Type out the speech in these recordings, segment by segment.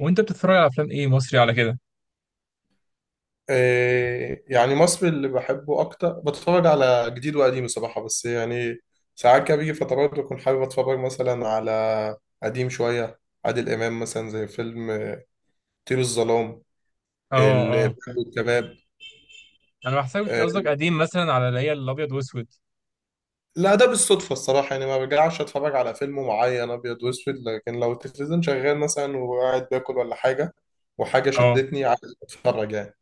وانت بتتفرج على افلام ايه مصري على كده؟ إيه، يعني مصري اللي بحبه اكتر بتفرج على جديد وقديم الصراحه، بس يعني ساعات كده بيجي فترات بكون حابب اتفرج مثلا على قديم شويه، عادل امام مثلا زي فيلم طير الظلام، اه، الإرهاب اه، والكباب. انا بحسبك إيه، قصدك قديم مثلا، على اللي هي الابيض واسود. لا ده بالصدفه الصراحه، يعني ما برجعش اتفرج على فيلم معين ابيض واسود، لكن لو التلفزيون شغال مثلا وقاعد باكل ولا حاجه وحاجه اه، شدتني عايز اتفرج يعني.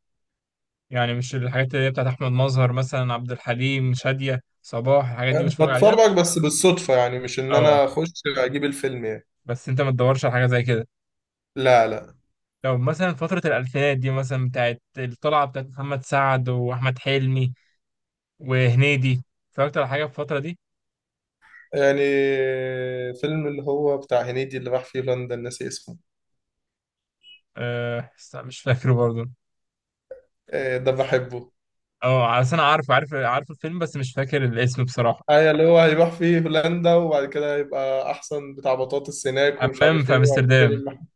يعني مش الحاجات اللي هي بتاعت احمد مظهر مثلا، عبد الحليم، شادية، صباح، الحاجات دي بتتفرج عليها؟ بتفرج بس بالصدفه، يعني مش ان اه. انا اخش اجيب الفيلم يعني. بس انت ما تدورش على حاجة زي كده لا لا. لو مثلا فترة الألفينات دي، مثلا بتاعت الطلعة بتاعت محمد سعد وأحمد حلمي وهنيدي؟ اتفرجت على حاجة في الفترة دي؟ يعني فيلم اللي هو بتاع هنيدي اللي راح فيه هولندا ناسي اسمه. أه، بس أنا مش فاكره برضه. آه، ده بحبه. اه، عشان أنا عارف عارف عارف الفيلم بس مش فاكر الاسم بصراحة. أيوة اللي هو هيروح فيه هولندا وبعد كده هيبقى أحسن بتاع بطاطس هناك ومش حمام عارف في إيه وهيشتري أمستردام. الم-.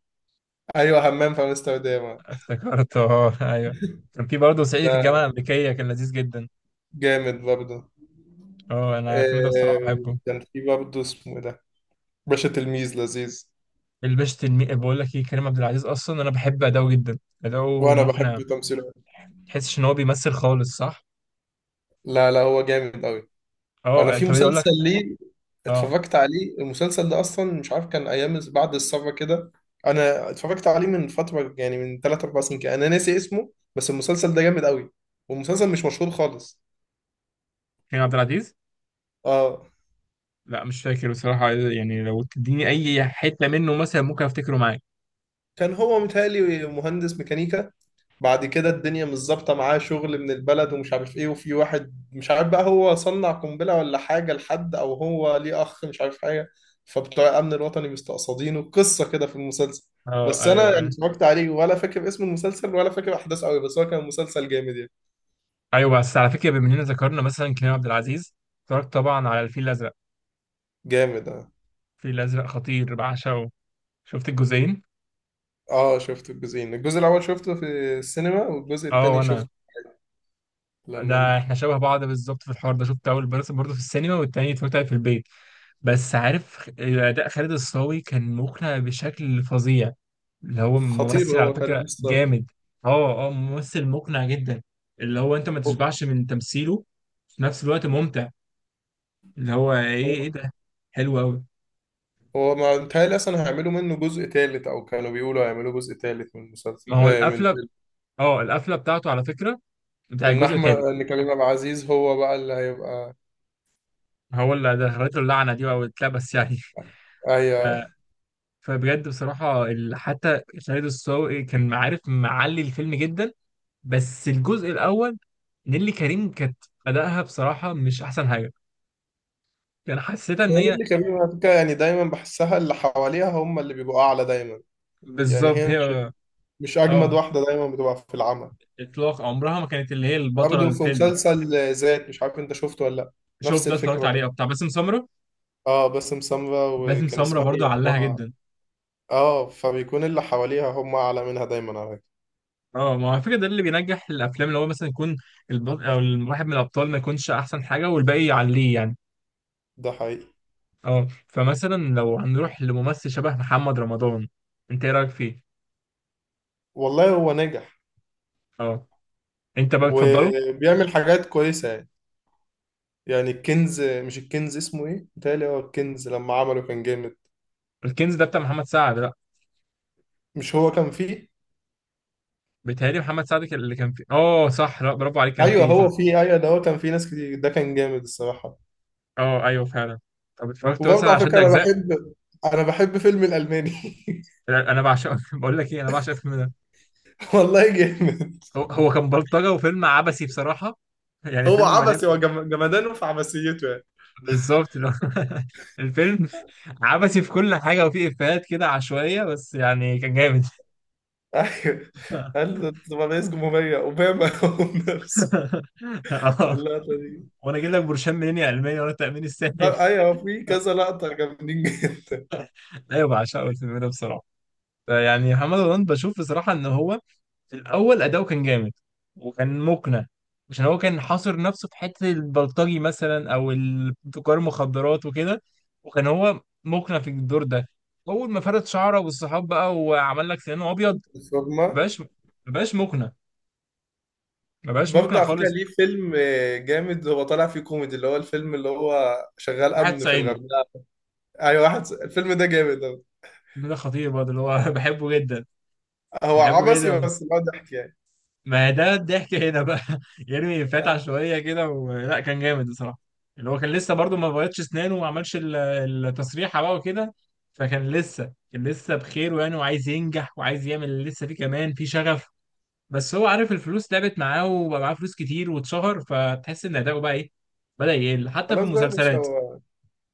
أيوة همام في أمستردام. افتكرته اه أيوه. كان في برضه صعيدي في الجامعة ده الأمريكية، كان لذيذ جدا. جامد برضه. اه، أنا الفيلم ده بصراحة آه، بحبه. كان في برضه اسمه إيه ده، باشا تلميذ لذيذ. الباشا تلميذ، بقول لك إيه، كريم عبد العزيز أصلا أنا بحب أداؤه جدا. أداؤه وأنا مقنع. بحب تمثيله. تحسش إن هو بيمثل خالص، صح؟ لا لا هو جامد أوي. انا اه، في طب أقول لك. مسلسل ليه اه، اتفرجت عليه، المسلسل ده اصلا مش عارف كان ايام بعد الثوره كده. انا اتفرجت عليه من فتره، يعني من 3 4 سنين كده، انا ناسي اسمه بس المسلسل ده جامد قوي، والمسلسل مش مشهور خالص. كريم عبد العزيز؟ اه. لا مش فاكر بصراحة، يعني لو تديني أي حتة منه مثلا ممكن أفتكره معاك. كان هو متهيألي مهندس ميكانيكا، بعد كده الدنيا مش ظابطه معاه شغل من البلد ومش عارف ايه، وفي واحد مش عارف بقى هو صنع قنبله ولا حاجه لحد او هو ليه اخ مش عارف حاجه، فبتوع الامن الوطني مستقصدينه قصه كده في المسلسل. أه بس انا أيوه يعني أيوه. اتفرجت عليه ولا فاكر اسم المسلسل ولا فاكر احداثه قوي، بس هو كان مسلسل جامد يعني. أيوه بس على فكرة، بما إننا ذكرنا مثلا كريم عبد العزيز، اتفرجت طبعا على الفيل الأزرق؟ جامد اه. الفيل الأزرق خطير، بعشقه. شفت الجزئين؟ اه شفت الجزئين، الجزء الاول شفته في السينما والجزء أه، التاني وأنا، شفته لما ده نزل. إحنا شبه بعض بالظبط في الحوار ده. شفت أول بس برضه في السينما، والتاني اتفرجت عليه في البيت. بس عارف أداء خالد الصاوي كان مقنع بشكل فظيع. اللي هو خطير ممثل على هو فعلا فكرة لسه. جامد. اه اه، ممثل مقنع جدا. اللي هو انت ما تشبعش من تمثيله. في نفس الوقت ممتع. اللي هو ايه ده؟ حلو قوي. هو ما متهيألي أصلا هيعملوا منه جزء تالت، أو كانوا بيقولوا هيعملوا جزء تالت من ما المسلسل هو من القفلة، الفيلم. اه القفلة بتاعته على فكرة، بتاع إن الجزء أحمد التالت. إن كريم عبد العزيز هو بقى اللي هيبقى. هو اللي دخلته اللعنة دي او اتلبس يعني ف... أيوه. فبجد بصراحة حتى خالد الصاوي كان عارف معلي الفيلم جدا. بس الجزء الأول، نيللي كريم كانت أداءها بصراحة مش أحسن حاجة. كان حسيتها إن يعني هي، اللي كريم على فكرة يعني دايما بحسها اللي حواليها هم اللي بيبقوا أعلى دايما، يعني بالظبط هي مش هي. مش أجمد اه، واحدة دايما بتبقى في العمل. اطلاق عمرها ما كانت اللي هي البطله برضه في للفيلم. مسلسل ذات مش عارف أنت شفته ولا لأ. شوف نفس ده الفكرة اتفرجت عليه برضه. بتاع باسم سمره؟ اه باسم سمرة، باسم وكان سمره اسمها برضو إيه علها أمها. جدا. اه فبيكون اللي حواليها هم أعلى منها دايما على فكرة. اه، ما هو على فكره ده اللي بينجح الافلام، اللي هو مثلا يكون البطل او الواحد من الابطال ما يكونش احسن حاجه، والباقي يعليه يعني. ده حقيقي. اه، فمثلا لو هنروح لممثل شبه محمد رمضان، انت ايه رايك فيه؟ والله هو نجح اه، انت بقى بتفضله؟ وبيعمل حاجات كويسة يعني. يعني الكنز، مش الكنز اسمه ايه؟ بيتهيألي هو الكنز لما عمله كان جامد. الكنز ده بتاع محمد سعد، لا؟ مش هو كان فيه؟ بيتهيألي محمد سعد اللي كان فيه، اه صح، لا برافو عليك كان ايوه فيه، هو صح. فيه، ايوه ده هو كان فيه ناس كتير، ده كان جامد الصراحة. اه ايوه فعلا. طب اتفرجت مثلا وبرضه على على شد فكرة انا اجزاء؟ بحب انا بحب فيلم الألماني. لا، انا بعشق بقول لك ايه، انا بعشق الفيلم ده. والله جامد. هو هو كان بلطجة وفيلم عبثي بصراحة. يعني هو فيلم مليان. عبثي، هو جمدانه في عبثيته يعني. بالظبط، اللي هو الفيلم عبثي في كل حاجة، وفيه إفيهات كده عشوائية، بس يعني كان جامد ايوه. قال له تبقى رئيس جمهورية اوباما هو نفسه. اه، اللقطة دي. وانا اجيب لك برشام منين يا علمية، وانا التأمين الصحي لا، ايوه في كذا لقطة جامدين جدا. ايوه بعشقه الفيلم ده بصراحة. يعني محمد رمضان بشوف بصراحة ان هو في الاول اداؤه كان جامد، وكان مقنع، عشان هو كان حاصر نفسه في حته البلطجي مثلا، او تجار المخدرات وكده. وكان هو مقنع في الدور ده. اول ما فرد شعره والصحاب بقى، وعمل لك سنانه ابيض، الفورمة. مبقاش مبقاش مقنع، مبقاش مقنع برضه على فكرة خالص. ليه فيلم جامد، هو طالع فيه كوميدي، اللي هو الفيلم اللي هو شغال واحد أمن في صعيدي. الغردقة. أيوة واحد، الفيلم ده جامد أوي. الفيلم ده خطير برضه، اللي هو بحبه جدا، هو بحبه عبثي جدا. بس هو ضحك يعني. ما ده الضحك هنا بقى يرمي فتحة أيوة. شوية كده، ولا كان جامد بصراحة. اللي هو كان لسه برضو ما بيضش اسنانه، وما عملش التصريحة بقى وكده. فكان لسه بخير يعني، وعايز ينجح، وعايز يعمل اللي لسه فيه كمان في شغف. بس هو عارف الفلوس لعبت معاه وبقى معاه فلوس كتير واتشهر، فتحس ان اداؤه بقى ايه، بدأ يقل حتى في خلاص بقى يا باشا المسلسلات هو،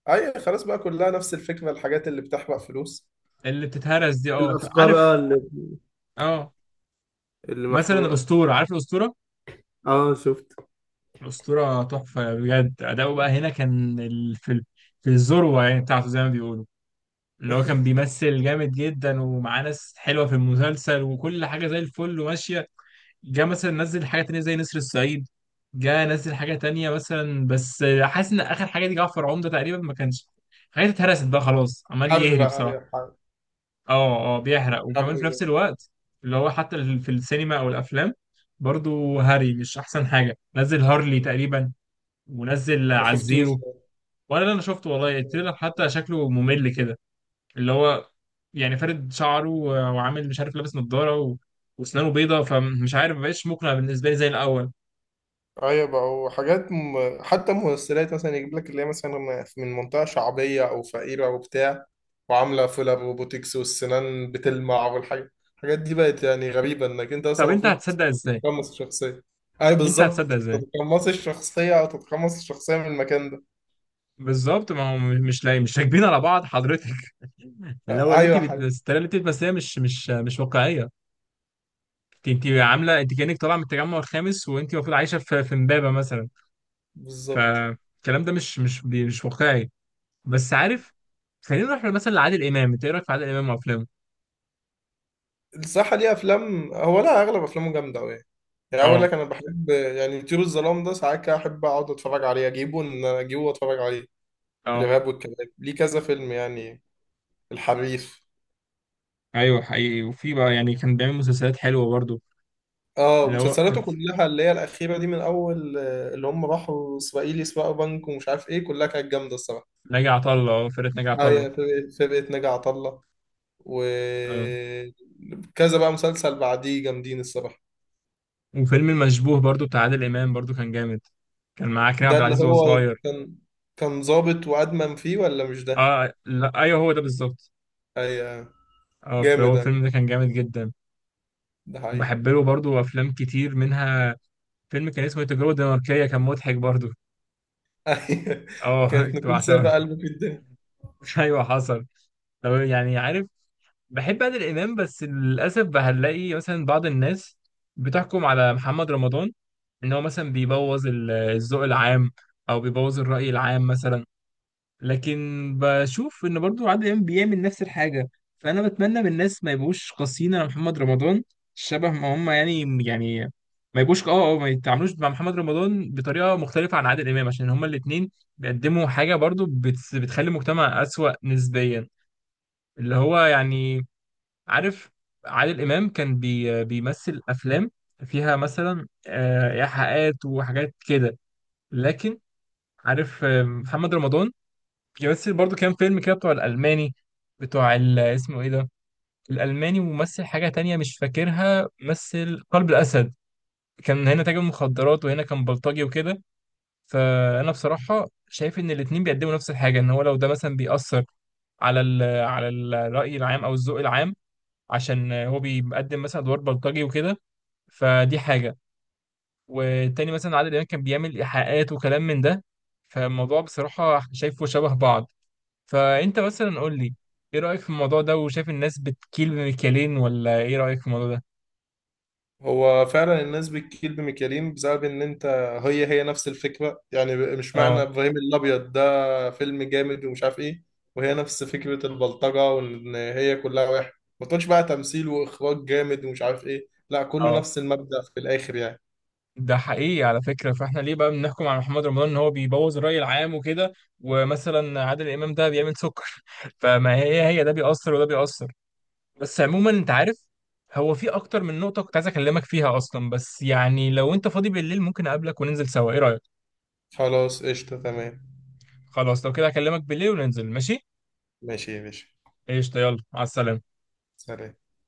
أيوة خلاص بقى كلها نفس الفكرة، الحاجات اللي بتحرق فلوس. اللي بتتهرس دي، اه الافكار اه عارف. اللي اه، اللي مثلا محروقه. الأسطورة، عارف الأسطورة؟ اه شفت. أسطورة تحفة بجد، أداؤه بقى هنا كان في الذروة يعني بتاعته زي ما بيقولوا. اللي هو كان بيمثل جامد جدا، ومعاه ناس حلوة في المسلسل، وكل حاجة زي الفل وماشية. جه مثلا نزل حاجة تانية زي نسر الصعيد، جه نزل حاجة تانية مثلا، بس حاسس إن آخر حاجة دي جعفر عمدة تقريبا ما كانش، حاجات اتهرست بقى خلاص، عمال حرق يهري بقى، بصراحة. أيوة حرق. اه اه، بيحرق حرق وكمان في نفس جامد. الوقت اللي هو حتى في السينما أو الأفلام، برضو هاري مش أحسن حاجة. نزل هارلي تقريبا، منزل ما على شفتوش. الزيرو. ولا اللي انا شفته والله، التريلر حتى شكله ممل كده. اللي هو يعني فارد شعره وعامل مش عارف، لابس نظارة واسنانه بيضة، فمش عارف مبقاش مقنع بالنسبة لي زي الأول. ايوه بقى وحاجات حتى ممثلات مثلا يجيب لك اللي هي مثلا من منطقه شعبيه او فقيره وبتاع، وعامله فيلر وبوتكس والسنان بتلمع، والحاجات الحاجات دي بقت يعني غريبه، انك انت طب اصلا أنت المفروض هتصدق إزاي؟ تتقمص الشخصيه. ايوه أنت هتصدق بالظبط، إزاي؟ تتقمص الشخصيه او تتقمص الشخصيه من المكان ده. بالظبط، ما هو مش لاقي، مش راكبين على بعض حضرتك اللي هو ايوه يا حبيبي. الطريقة اللي أنت بتمثليها مش واقعية. أنت عاملة، أنت كأنك طالعة من التجمع الخامس، وأنت المفروض عايشة في في إمبابة مثلا. بالظبط. فالكلام ده مش واقعي. بس عارف، خلينا نروح مثلا لعادل امام، انت ايه رايك في عادل امام وافلامه؟ الصح ليه افلام هو، لا اغلب افلامه جامده قوي يعني. يعني اقول اه لك انا بحب يعني طيور الظلام ده، ساعات كده احب اقعد اتفرج عليه اجيبه ان انا اجيبه واتفرج عليه. اه، الإرهاب والكباب، ليه كذا فيلم يعني، الحريف. ايوه حقيقي. وفي بقى يعني كان بيعمل مسلسلات حلوه برضو. اه اللي هو مسلسلاته كلها اللي هي الأخيرة دي من أول اللي هم راحوا إسرائيل يسرقوا بنك ومش عارف إيه، كلها كانت جامدة الصراحة. ناجي عطا الله، اه فرقه ناجي عطا اه الله. يعني فرقة ناجي عطا الله، اه، وكذا بقى مسلسل بعديه جامدين الصراحة. وفيلم المشبوه برضو بتاع عادل امام برضو كان جامد. كان معاه كريم ده عبد اللي العزيز وهو هو صغير. كان، كان ظابط وأدمن فيه ولا مش ده؟ اه، لا ايوه هو ده بالظبط. أيوه. اه، جامد فهو ده، الفيلم ده كان جامد جدا. ده حقيقي. وبحب له برضو افلام كتير منها، فيلم كان اسمه التجربه الدنماركيه، كان مضحك برضو. أيوه. اه كانت كنت نكون بعشقه سابق قلبه في الدنيا. ايوه حصل. طب يعني عارف، بحب عادل امام، بس للاسف هنلاقي مثلا بعض الناس بتحكم على محمد رمضان ان هو مثلا بيبوظ الذوق العام، او بيبوظ الرأي العام مثلا. لكن بشوف ان برضو عادل امام بيعمل نفس الحاجة. فانا بتمنى من الناس ما يبقوش قاسيين على محمد رمضان شبه ما هم، يعني يعني ما يبقوش اه اه، ما يتعاملوش مع محمد رمضان بطريقة مختلفة عن عادل امام، عشان هما الاتنين بيقدموا حاجة برضو بتخلي المجتمع أسوأ نسبيا. اللي هو يعني، عارف، عادل إمام كان بيمثل أفلام فيها مثلا إيحاءات وحاجات كده. لكن عارف، محمد رمضان بيمثل برضو كام فيلم كده بتوع الألماني، بتوع اسمه إيه ده، الألماني، وممثل حاجة تانية مش فاكرها، مثل قلب الأسد، كان هنا تاجر مخدرات، وهنا كان بلطجي وكده. فأنا بصراحة شايف إن الاتنين بيقدموا نفس الحاجة، إن هو لو ده مثلا بيأثر على على الرأي العام أو الذوق العام، عشان هو بيقدم مثلا ادوار بلطجي وكده، فدي حاجه. والتاني مثلا عادل امام كان بيعمل ايحاءات وكلام من ده. فالموضوع بصراحه شايفه شبه بعض. فانت مثلا قول لي، ايه رايك في الموضوع ده، وشايف الناس بتكيل بمكيالين، ولا ايه رايك في الموضوع ده؟ هو فعلا الناس بتكيل بميكالين بسبب ان انت، هي هي نفس الفكره يعني، مش معنى اه ابراهيم الابيض ده فيلم جامد ومش عارف ايه، وهي نفس فكره البلطجه، وان هي كلها واحد، ما تقولش بقى تمثيل واخراج جامد ومش عارف ايه، لا كله اه، نفس المبدأ في الاخر يعني. ده حقيقي على فكرة. فاحنا ليه بقى بنحكم على محمد رمضان ان هو بيبوظ الرأي العام وكده، ومثلا عادل امام ده بيعمل سكر فما هي ده بيأثر وده بيأثر. بس عموما انت عارف، هو في اكتر من نقطة كنت عايز اكلمك فيها اصلا، بس يعني لو انت فاضي بالليل ممكن اقابلك وننزل سوا، ايه رأيك؟ خلاص قشطه تمام. خلاص لو كده هكلمك بالليل وننزل، ماشي. ماشي يا باشا. قشطة، يلا على السلامة. سلام.